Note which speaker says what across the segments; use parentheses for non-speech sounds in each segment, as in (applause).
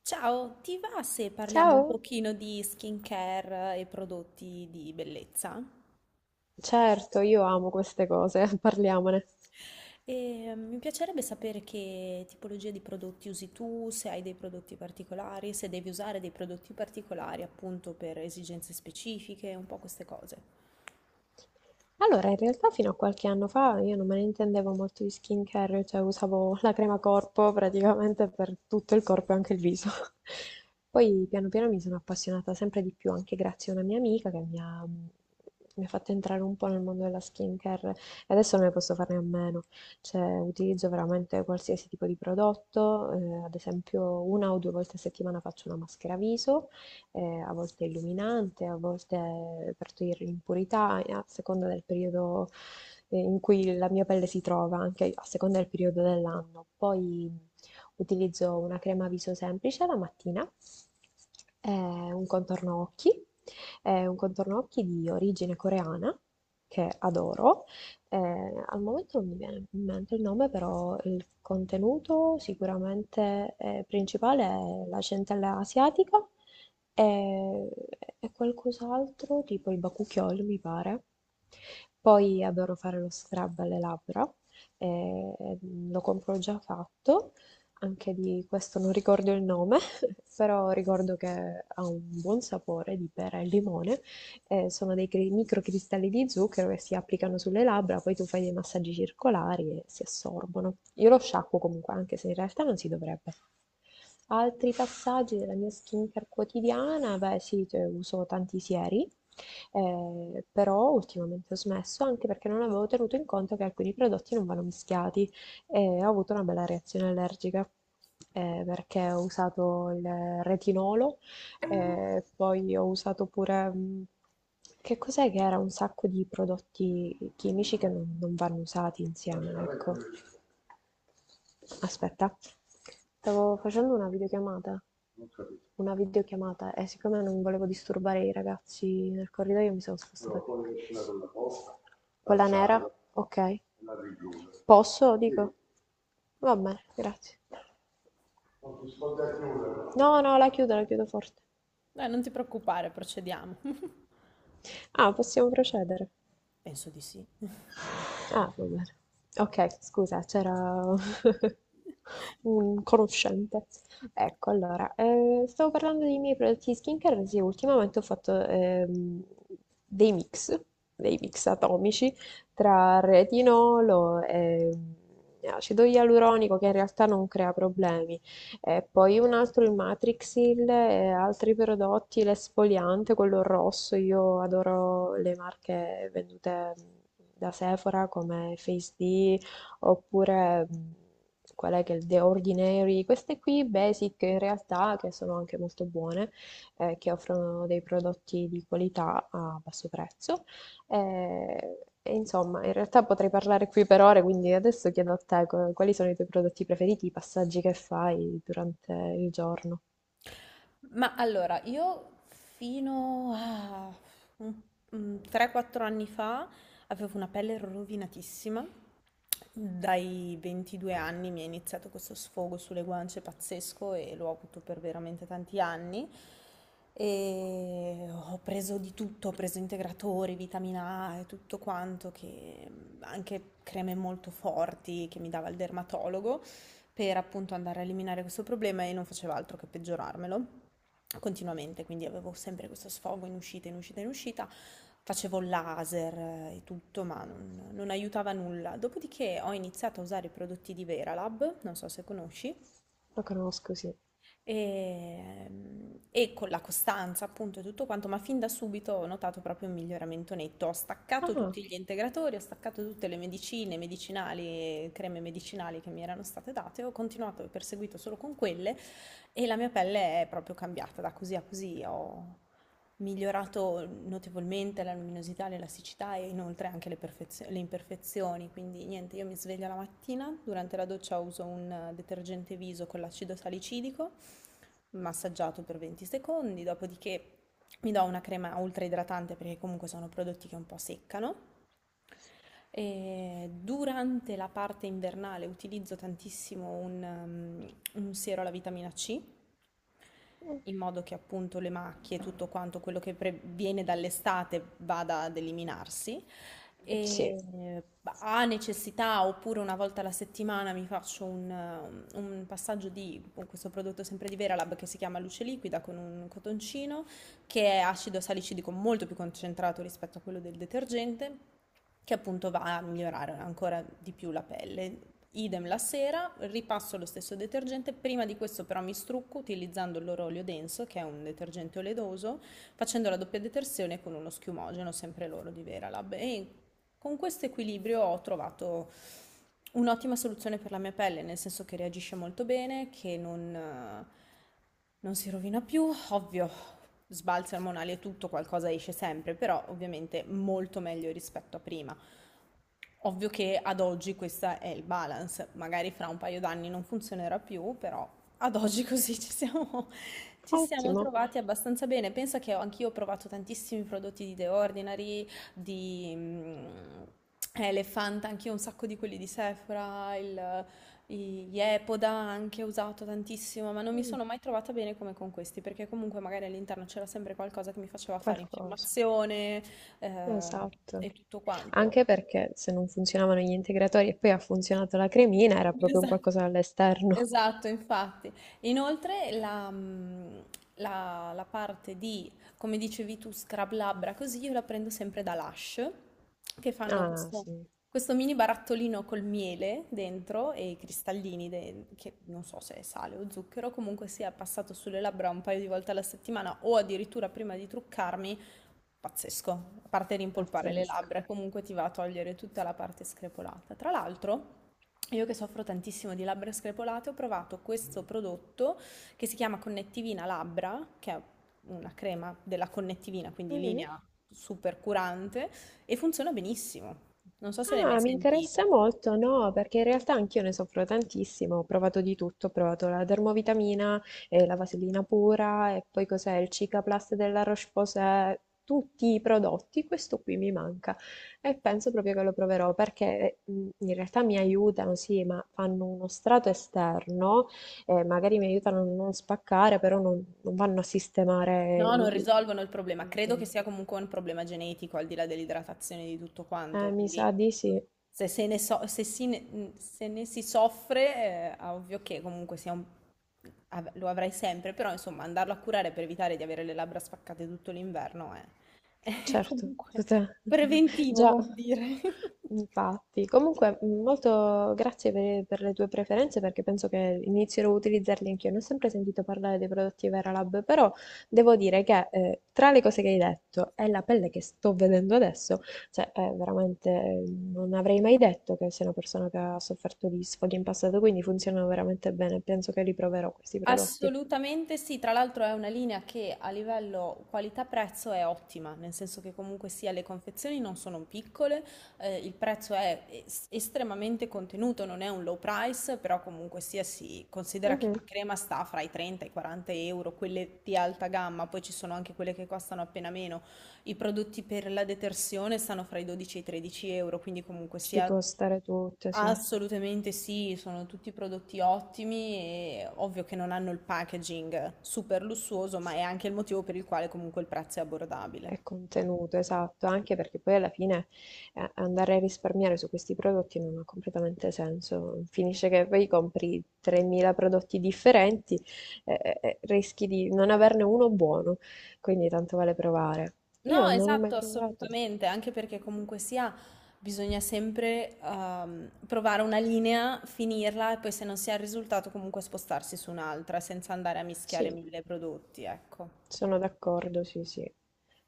Speaker 1: Ciao, ti va se parliamo un
Speaker 2: Ciao.
Speaker 1: pochino di skincare e prodotti di bellezza?
Speaker 2: Certo, io amo queste cose, (laughs) parliamone.
Speaker 1: E, mi piacerebbe sapere che tipologia di prodotti usi tu, se hai dei prodotti particolari, se devi usare dei prodotti particolari appunto per esigenze specifiche, un po' queste cose.
Speaker 2: Allora, in realtà fino a qualche anno fa io non me ne intendevo molto di skincare, cioè usavo la crema corpo praticamente per tutto il corpo e anche il viso. (laughs) Poi piano piano mi sono appassionata sempre di più, anche grazie a una mia amica che mi ha fatto entrare un po' nel mondo della skincare e adesso non ne posso farne a meno. Cioè, utilizzo veramente qualsiasi tipo di prodotto, ad esempio una o due volte a settimana faccio una maschera viso a volte illuminante, a volte per togliere l'impurità, a seconda del periodo in cui la mia pelle si trova, anche a seconda del periodo dell'anno. Poi utilizzo una crema viso semplice la mattina, eh, un contorno occhi, un contorno occhi di origine coreana che adoro. Eh, al momento non mi viene in mente il nome, però il contenuto sicuramente principale è la centella asiatica e qualcos'altro, tipo il bakuchiol, mi pare. Poi adoro fare lo scrub alle labbra, e lo compro già fatto, anche di questo non ricordo il nome, (laughs) però ricordo che ha un buon sapore di pera e limone. Sono dei microcristalli di zucchero che si applicano sulle labbra, poi tu fai dei massaggi circolari e si assorbono. Io lo sciacquo comunque, anche se in realtà non si dovrebbe. Altri passaggi della mia skincare quotidiana, beh sì, cioè, uso tanti sieri, però ultimamente ho smesso anche perché non avevo tenuto in conto che alcuni prodotti non vanno mischiati e ho avuto una bella reazione allergica perché ho usato il retinolo e poi ho usato pure, che cos'è che era? Un sacco di prodotti chimici che non vanno usati insieme, ecco. Aspetta, stavo facendo una videochiamata. Una videochiamata e siccome non volevo disturbare i ragazzi nel corridoio mi sono spostata con la nera, ok. Posso? Dico. Va bene, grazie. No, no, la chiudo forte.
Speaker 1: Dai, non ti preoccupare, procediamo. (laughs)
Speaker 2: Ah, possiamo procedere.
Speaker 1: Penso di sì.
Speaker 2: Ah, va bene. Ok, scusa, c'era (laughs) un conoscente. Ecco, allora, stavo parlando dei miei prodotti di skincare, sì, ultimamente ho fatto dei mix, dei mix atomici tra retinolo e acido ialuronico, che in realtà non crea problemi. E poi un altro il Matrixil e altri prodotti, l'esfoliante, quello rosso, io adoro le marche vendute da Sephora come Face D oppure qual è che è il The Ordinary, queste qui basic in realtà che sono anche molto buone, che offrono dei prodotti di qualità a basso prezzo. Eh, insomma, in realtà potrei parlare qui per ore, quindi adesso chiedo a te quali sono i tuoi prodotti preferiti, i passaggi che fai durante il giorno.
Speaker 1: Ma allora, io fino a un- un 3-4 anni fa avevo una pelle rovinatissima. Dai 22 anni mi è iniziato questo sfogo sulle guance pazzesco e l'ho avuto per veramente tanti anni. E ho preso di tutto, ho preso integratori, vitamina A e tutto quanto, che anche creme molto forti che mi dava il dermatologo per appunto andare a eliminare questo problema e non faceva altro che peggiorarmelo continuamente, quindi avevo sempre questo sfogo in uscita, in uscita, in uscita, facevo laser e tutto, ma non aiutava nulla. Dopodiché ho iniziato a usare i prodotti di Veralab, non so se conosci,
Speaker 2: Lo conosco, sì.
Speaker 1: e, e con la costanza, appunto, e tutto quanto, ma fin da subito ho notato proprio un miglioramento netto. Ho staccato
Speaker 2: Ah,
Speaker 1: tutti gli integratori, ho staccato tutte le medicine, medicinali, creme medicinali che mi erano state date, ho continuato e perseguito solo con quelle, e la mia pelle è proprio cambiata da così a così. Ho migliorato notevolmente la luminosità, l'elasticità e inoltre anche le imperfezioni. Quindi niente, io mi sveglio la mattina, durante la doccia uso un detergente viso con l'acido salicidico massaggiato per 20 secondi, dopodiché mi do una crema ultra idratante perché comunque sono prodotti che un po' seccano. E durante la parte invernale utilizzo tantissimo un siero alla vitamina C
Speaker 2: mm,
Speaker 1: in modo che appunto le macchie, tutto quanto quello che viene dall'estate vada ad eliminarsi.
Speaker 2: sì,
Speaker 1: E ha necessità, oppure una volta alla settimana mi faccio un passaggio di con questo prodotto sempre di Veralab che si chiama Luce Liquida con un cotoncino, che è acido salicidico molto più concentrato rispetto a quello del detergente, che appunto va a migliorare ancora di più la pelle. Idem la sera, ripasso lo stesso detergente, prima di questo però mi strucco utilizzando l'orolio denso, che è un detergente oleoso, facendo la doppia detersione con uno schiumogeno, sempre loro di Veralab. E con questo equilibrio ho trovato un'ottima soluzione per la mia pelle, nel senso che reagisce molto bene, che non si rovina più, ovvio, sbalzi ormonali e tutto, qualcosa esce sempre, però ovviamente molto meglio rispetto a prima. Ovvio che ad oggi questo è il balance, magari fra un paio d'anni non funzionerà più, però ad oggi (laughs) così ci siamo, (laughs) ci siamo
Speaker 2: ottimo.
Speaker 1: trovati abbastanza bene. Penso che anch'io ho provato tantissimi prodotti di The Ordinary, di Elephant, anch'io un sacco di quelli di Sephora, i- gli Epoda anche ho usato tantissimo, ma non mi
Speaker 2: Mm,
Speaker 1: sono mai trovata bene come con questi, perché comunque magari all'interno c'era sempre qualcosa che mi faceva fare
Speaker 2: qualcosa.
Speaker 1: infiammazione eh,
Speaker 2: Esatto.
Speaker 1: e tutto quanto.
Speaker 2: Anche perché se non funzionavano gli integratori e poi ha funzionato la cremina, era proprio un
Speaker 1: Esa-
Speaker 2: qualcosa all'esterno.
Speaker 1: Esatto, infatti. Inoltre la parte di, come dicevi tu, scrub labbra, così io la prendo sempre da Lush, che fanno
Speaker 2: Ah,
Speaker 1: questo,
Speaker 2: sì,
Speaker 1: questo mini barattolino col miele dentro e i cristallini, che non so se è sale o zucchero, comunque sia passato sulle labbra un paio di volte alla settimana o addirittura prima di truccarmi. Pazzesco, a parte rimpolpare le
Speaker 2: pazzesco.
Speaker 1: labbra, comunque ti va a togliere tutta la parte screpolata. Tra l'altro, io che soffro tantissimo di labbra screpolate, ho provato questo prodotto che si chiama Connettivina Labbra, che è una crema della connettivina, quindi
Speaker 2: Mhm.
Speaker 1: linea super curante, e funziona benissimo. Non so se l'hai mai
Speaker 2: Ah, mi
Speaker 1: sentita.
Speaker 2: interessa molto, no, perché in realtà anch'io ne soffro tantissimo, ho provato di tutto, ho provato la dermovitamina, la vasellina pura e poi cos'è il Cicaplast della Roche-Posay, tutti i prodotti, questo qui mi manca e penso proprio che lo proverò perché in realtà mi aiutano, sì, ma fanno uno strato esterno, magari mi aiutano a non spaccare, però non vanno a sistemare
Speaker 1: No, non
Speaker 2: il.
Speaker 1: risolvono il problema.
Speaker 2: il-
Speaker 1: Credo che
Speaker 2: il-
Speaker 1: sia comunque un problema genetico, al di là dell'idratazione e di tutto quanto.
Speaker 2: Eh, mi sa
Speaker 1: Quindi
Speaker 2: di sì.
Speaker 1: se ne si soffre, è ovvio che comunque sia lo avrai sempre, però insomma andarlo a curare per evitare di avere le labbra spaccate tutto l'inverno è, (laughs) è
Speaker 2: Certo,
Speaker 1: comunque
Speaker 2: (laughs)
Speaker 1: preventivo,
Speaker 2: già,
Speaker 1: come dire. (laughs)
Speaker 2: infatti. Comunque, molto grazie per le tue preferenze perché penso che inizierò a utilizzarli anch'io. Non ho sempre sentito parlare dei prodotti Vera Lab, però devo dire che tra le cose che hai detto e la pelle che sto vedendo adesso, cioè è veramente non avrei mai detto che sei una persona che ha sofferto di sfoghi in passato, quindi funzionano veramente bene. Penso che li proverò questi prodotti.
Speaker 1: Assolutamente sì, tra l'altro è una linea che a livello qualità-prezzo è ottima, nel senso che comunque sia le confezioni non sono piccole, il prezzo è estremamente contenuto, non è un low price, però comunque sia si considera che
Speaker 2: Mhm.
Speaker 1: la crema sta fra i 30 e i 40 euro, quelle di alta gamma, poi ci sono anche quelle che costano appena meno, i prodotti per la detersione stanno fra i 12 e i 13 euro, quindi comunque
Speaker 2: Ci
Speaker 1: sia.
Speaker 2: può stare tutto, sì.
Speaker 1: Assolutamente sì, sono tutti prodotti ottimi e ovvio che non hanno il packaging super lussuoso, ma è anche il motivo per il quale comunque il prezzo è abbordabile.
Speaker 2: È contenuto, esatto, anche perché poi alla fine andare a risparmiare su questi prodotti non ha completamente senso. Finisce che poi compri 3.000 prodotti differenti e rischi di non averne uno buono, quindi tanto vale provare.
Speaker 1: No,
Speaker 2: Io non ho mai
Speaker 1: esatto,
Speaker 2: provato.
Speaker 1: assolutamente, anche perché comunque sia bisogna sempre provare una linea, finirla e poi se non si ha il risultato comunque spostarsi su un'altra senza andare a mischiare
Speaker 2: Sì.
Speaker 1: mille prodotti, ecco.
Speaker 2: Sono d'accordo, sì, sì.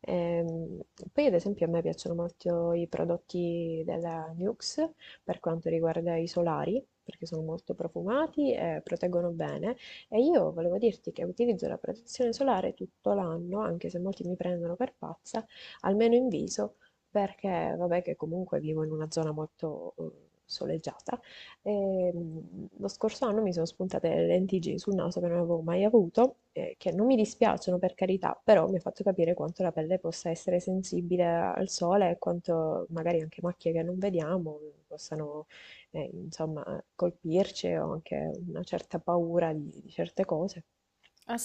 Speaker 2: Ehm, Poi ad esempio a me piacciono molto i prodotti della Nuxe per quanto riguarda i solari, perché sono molto profumati e proteggono bene. E io volevo dirti che utilizzo la protezione solare tutto l'anno, anche se molti mi prendono per pazza, almeno in viso, perché vabbè che comunque vivo in una zona molto soleggiata. E, lo scorso anno mi sono spuntate le lentiggini sul naso che non avevo mai avuto, che non mi dispiacciono per carità, però mi ha fatto capire quanto la pelle possa essere sensibile al sole e quanto magari anche macchie che non vediamo possano, insomma, colpirci o anche una certa paura di certe cose.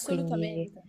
Speaker 2: Quindi,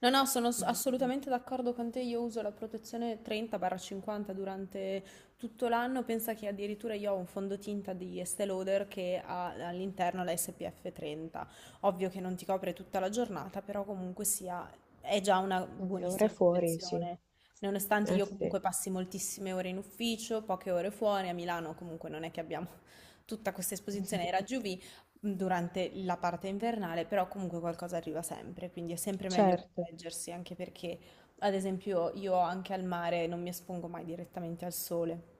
Speaker 1: No, no, sono
Speaker 2: insomma,
Speaker 1: assolutamente d'accordo con te. Io uso la protezione 30-50 durante tutto l'anno. Pensa che addirittura io ho un fondotinta di Estée Lauder che ha all'interno la SPF 30. Ovvio che non ti copre tutta la giornata, però comunque sia, è già una
Speaker 2: le ore
Speaker 1: buonissima
Speaker 2: fuori, sì.
Speaker 1: protezione. Nonostante
Speaker 2: Eh
Speaker 1: io
Speaker 2: sì,
Speaker 1: comunque passi moltissime ore in ufficio, poche ore fuori, a Milano comunque non è che abbiamo (laughs) tutta questa esposizione ai raggi
Speaker 2: (laughs)
Speaker 1: UV, durante la parte invernale, però comunque qualcosa arriva sempre, quindi è sempre meglio
Speaker 2: certo,
Speaker 1: proteggersi, anche perché, ad esempio, io anche al mare non mi espongo mai direttamente al sole,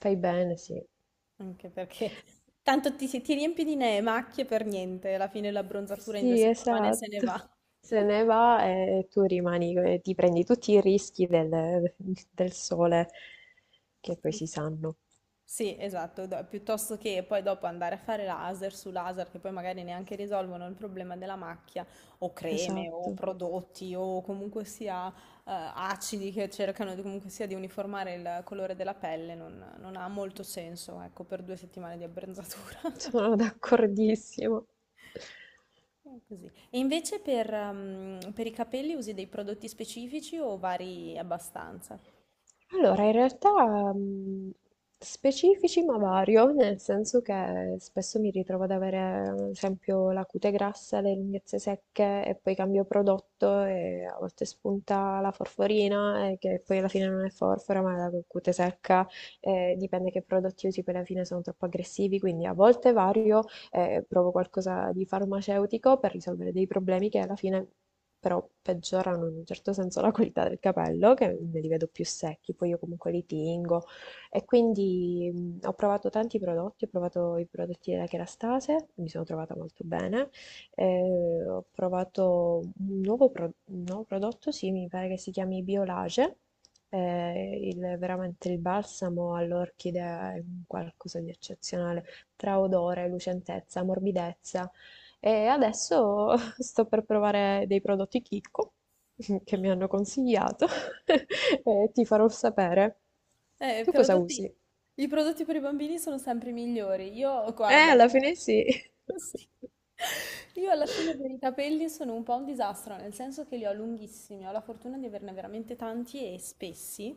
Speaker 2: fai bene, sì.
Speaker 1: anche perché tanto ti riempi di macchie per niente, alla fine l'abbronzatura in due
Speaker 2: Sì,
Speaker 1: settimane se ne
Speaker 2: esatto.
Speaker 1: va.
Speaker 2: Se ne va e tu rimani, ti prendi tutti i rischi del sole che poi si
Speaker 1: (laughs)
Speaker 2: sanno.
Speaker 1: Sì, esatto, piuttosto che poi dopo andare a fare laser su laser che poi magari neanche risolvono il problema della macchia o creme o
Speaker 2: Esatto,
Speaker 1: prodotti o comunque sia acidi che cercano di, comunque sia di uniformare il colore della pelle, non ha molto senso, ecco, per 2 settimane di abbronzatura.
Speaker 2: sono d'accordissimo.
Speaker 1: (laughs) Così. E invece per i capelli usi dei prodotti specifici o vari abbastanza?
Speaker 2: Allora, in realtà specifici ma vario, nel senso che spesso mi ritrovo ad avere, ad esempio, la cute grassa, le lunghezze secche e poi cambio prodotto e a volte spunta la forforina e che poi alla fine non è forfora ma è la cute secca, dipende che prodotti usi, poi alla fine sono troppo aggressivi, quindi a volte vario, e provo qualcosa di farmaceutico per risolvere dei problemi che alla fine però peggiorano in un certo senso la qualità del capello, che me li vedo più secchi, poi io comunque li tingo. E quindi ho provato tanti prodotti, ho provato i prodotti della Kerastase, mi sono trovata molto bene. Ho provato un nuovo prodotto, sì, mi pare che si chiami Biolage, veramente il balsamo all'orchidea è un qualcosa di eccezionale tra odore, lucentezza, morbidezza. E adesso (laughs) sto per provare dei prodotti Chicco (laughs) che mi hanno consigliato (laughs) e ti farò sapere.
Speaker 1: Eh, i
Speaker 2: Tu cosa
Speaker 1: prodotti
Speaker 2: usi?
Speaker 1: i prodotti per i bambini sono sempre migliori. Io guarda
Speaker 2: Alla fine sì.
Speaker 1: (laughs) sì. Io alla fine per i
Speaker 2: (laughs)
Speaker 1: capelli sono un po' un disastro, nel senso che li ho lunghissimi, ho la fortuna di averne veramente tanti e spessi,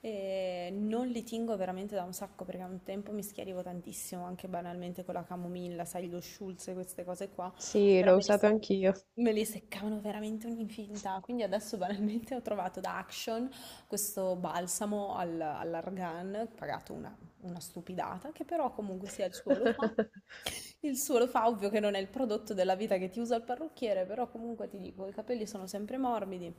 Speaker 1: e non li tingo veramente da un sacco perché a un tempo mi schiarivo tantissimo, anche banalmente con la camomilla, sai, lo Schulz e queste cose qua,
Speaker 2: Sì,
Speaker 1: però
Speaker 2: l'ho
Speaker 1: me li,
Speaker 2: usato
Speaker 1: se-
Speaker 2: anch'io.
Speaker 1: me li seccavano veramente un'infinità, quindi adesso banalmente ho trovato da Action questo balsamo all'argan, pagato una stupidata, che però comunque sia il suo lo fa.
Speaker 2: (laughs)
Speaker 1: Il suo lo fa, ovvio che non è il prodotto della vita che ti usa il parrucchiere, però comunque ti dico, i capelli sono sempre morbidi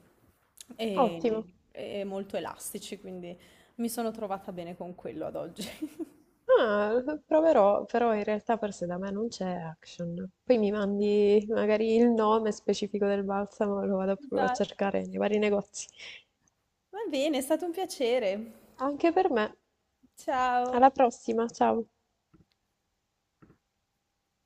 Speaker 2: Ottimo.
Speaker 1: e molto elastici, quindi mi sono trovata bene con quello ad oggi. (laughs)
Speaker 2: Ah, proverò, però in realtà forse da me non c'è Action. Poi mi mandi magari il nome specifico del balsamo, lo vado proprio a
Speaker 1: Esatto.
Speaker 2: cercare nei vari negozi.
Speaker 1: Va bene, è stato un piacere.
Speaker 2: Anche per me,
Speaker 1: Ciao.
Speaker 2: alla prossima, ciao!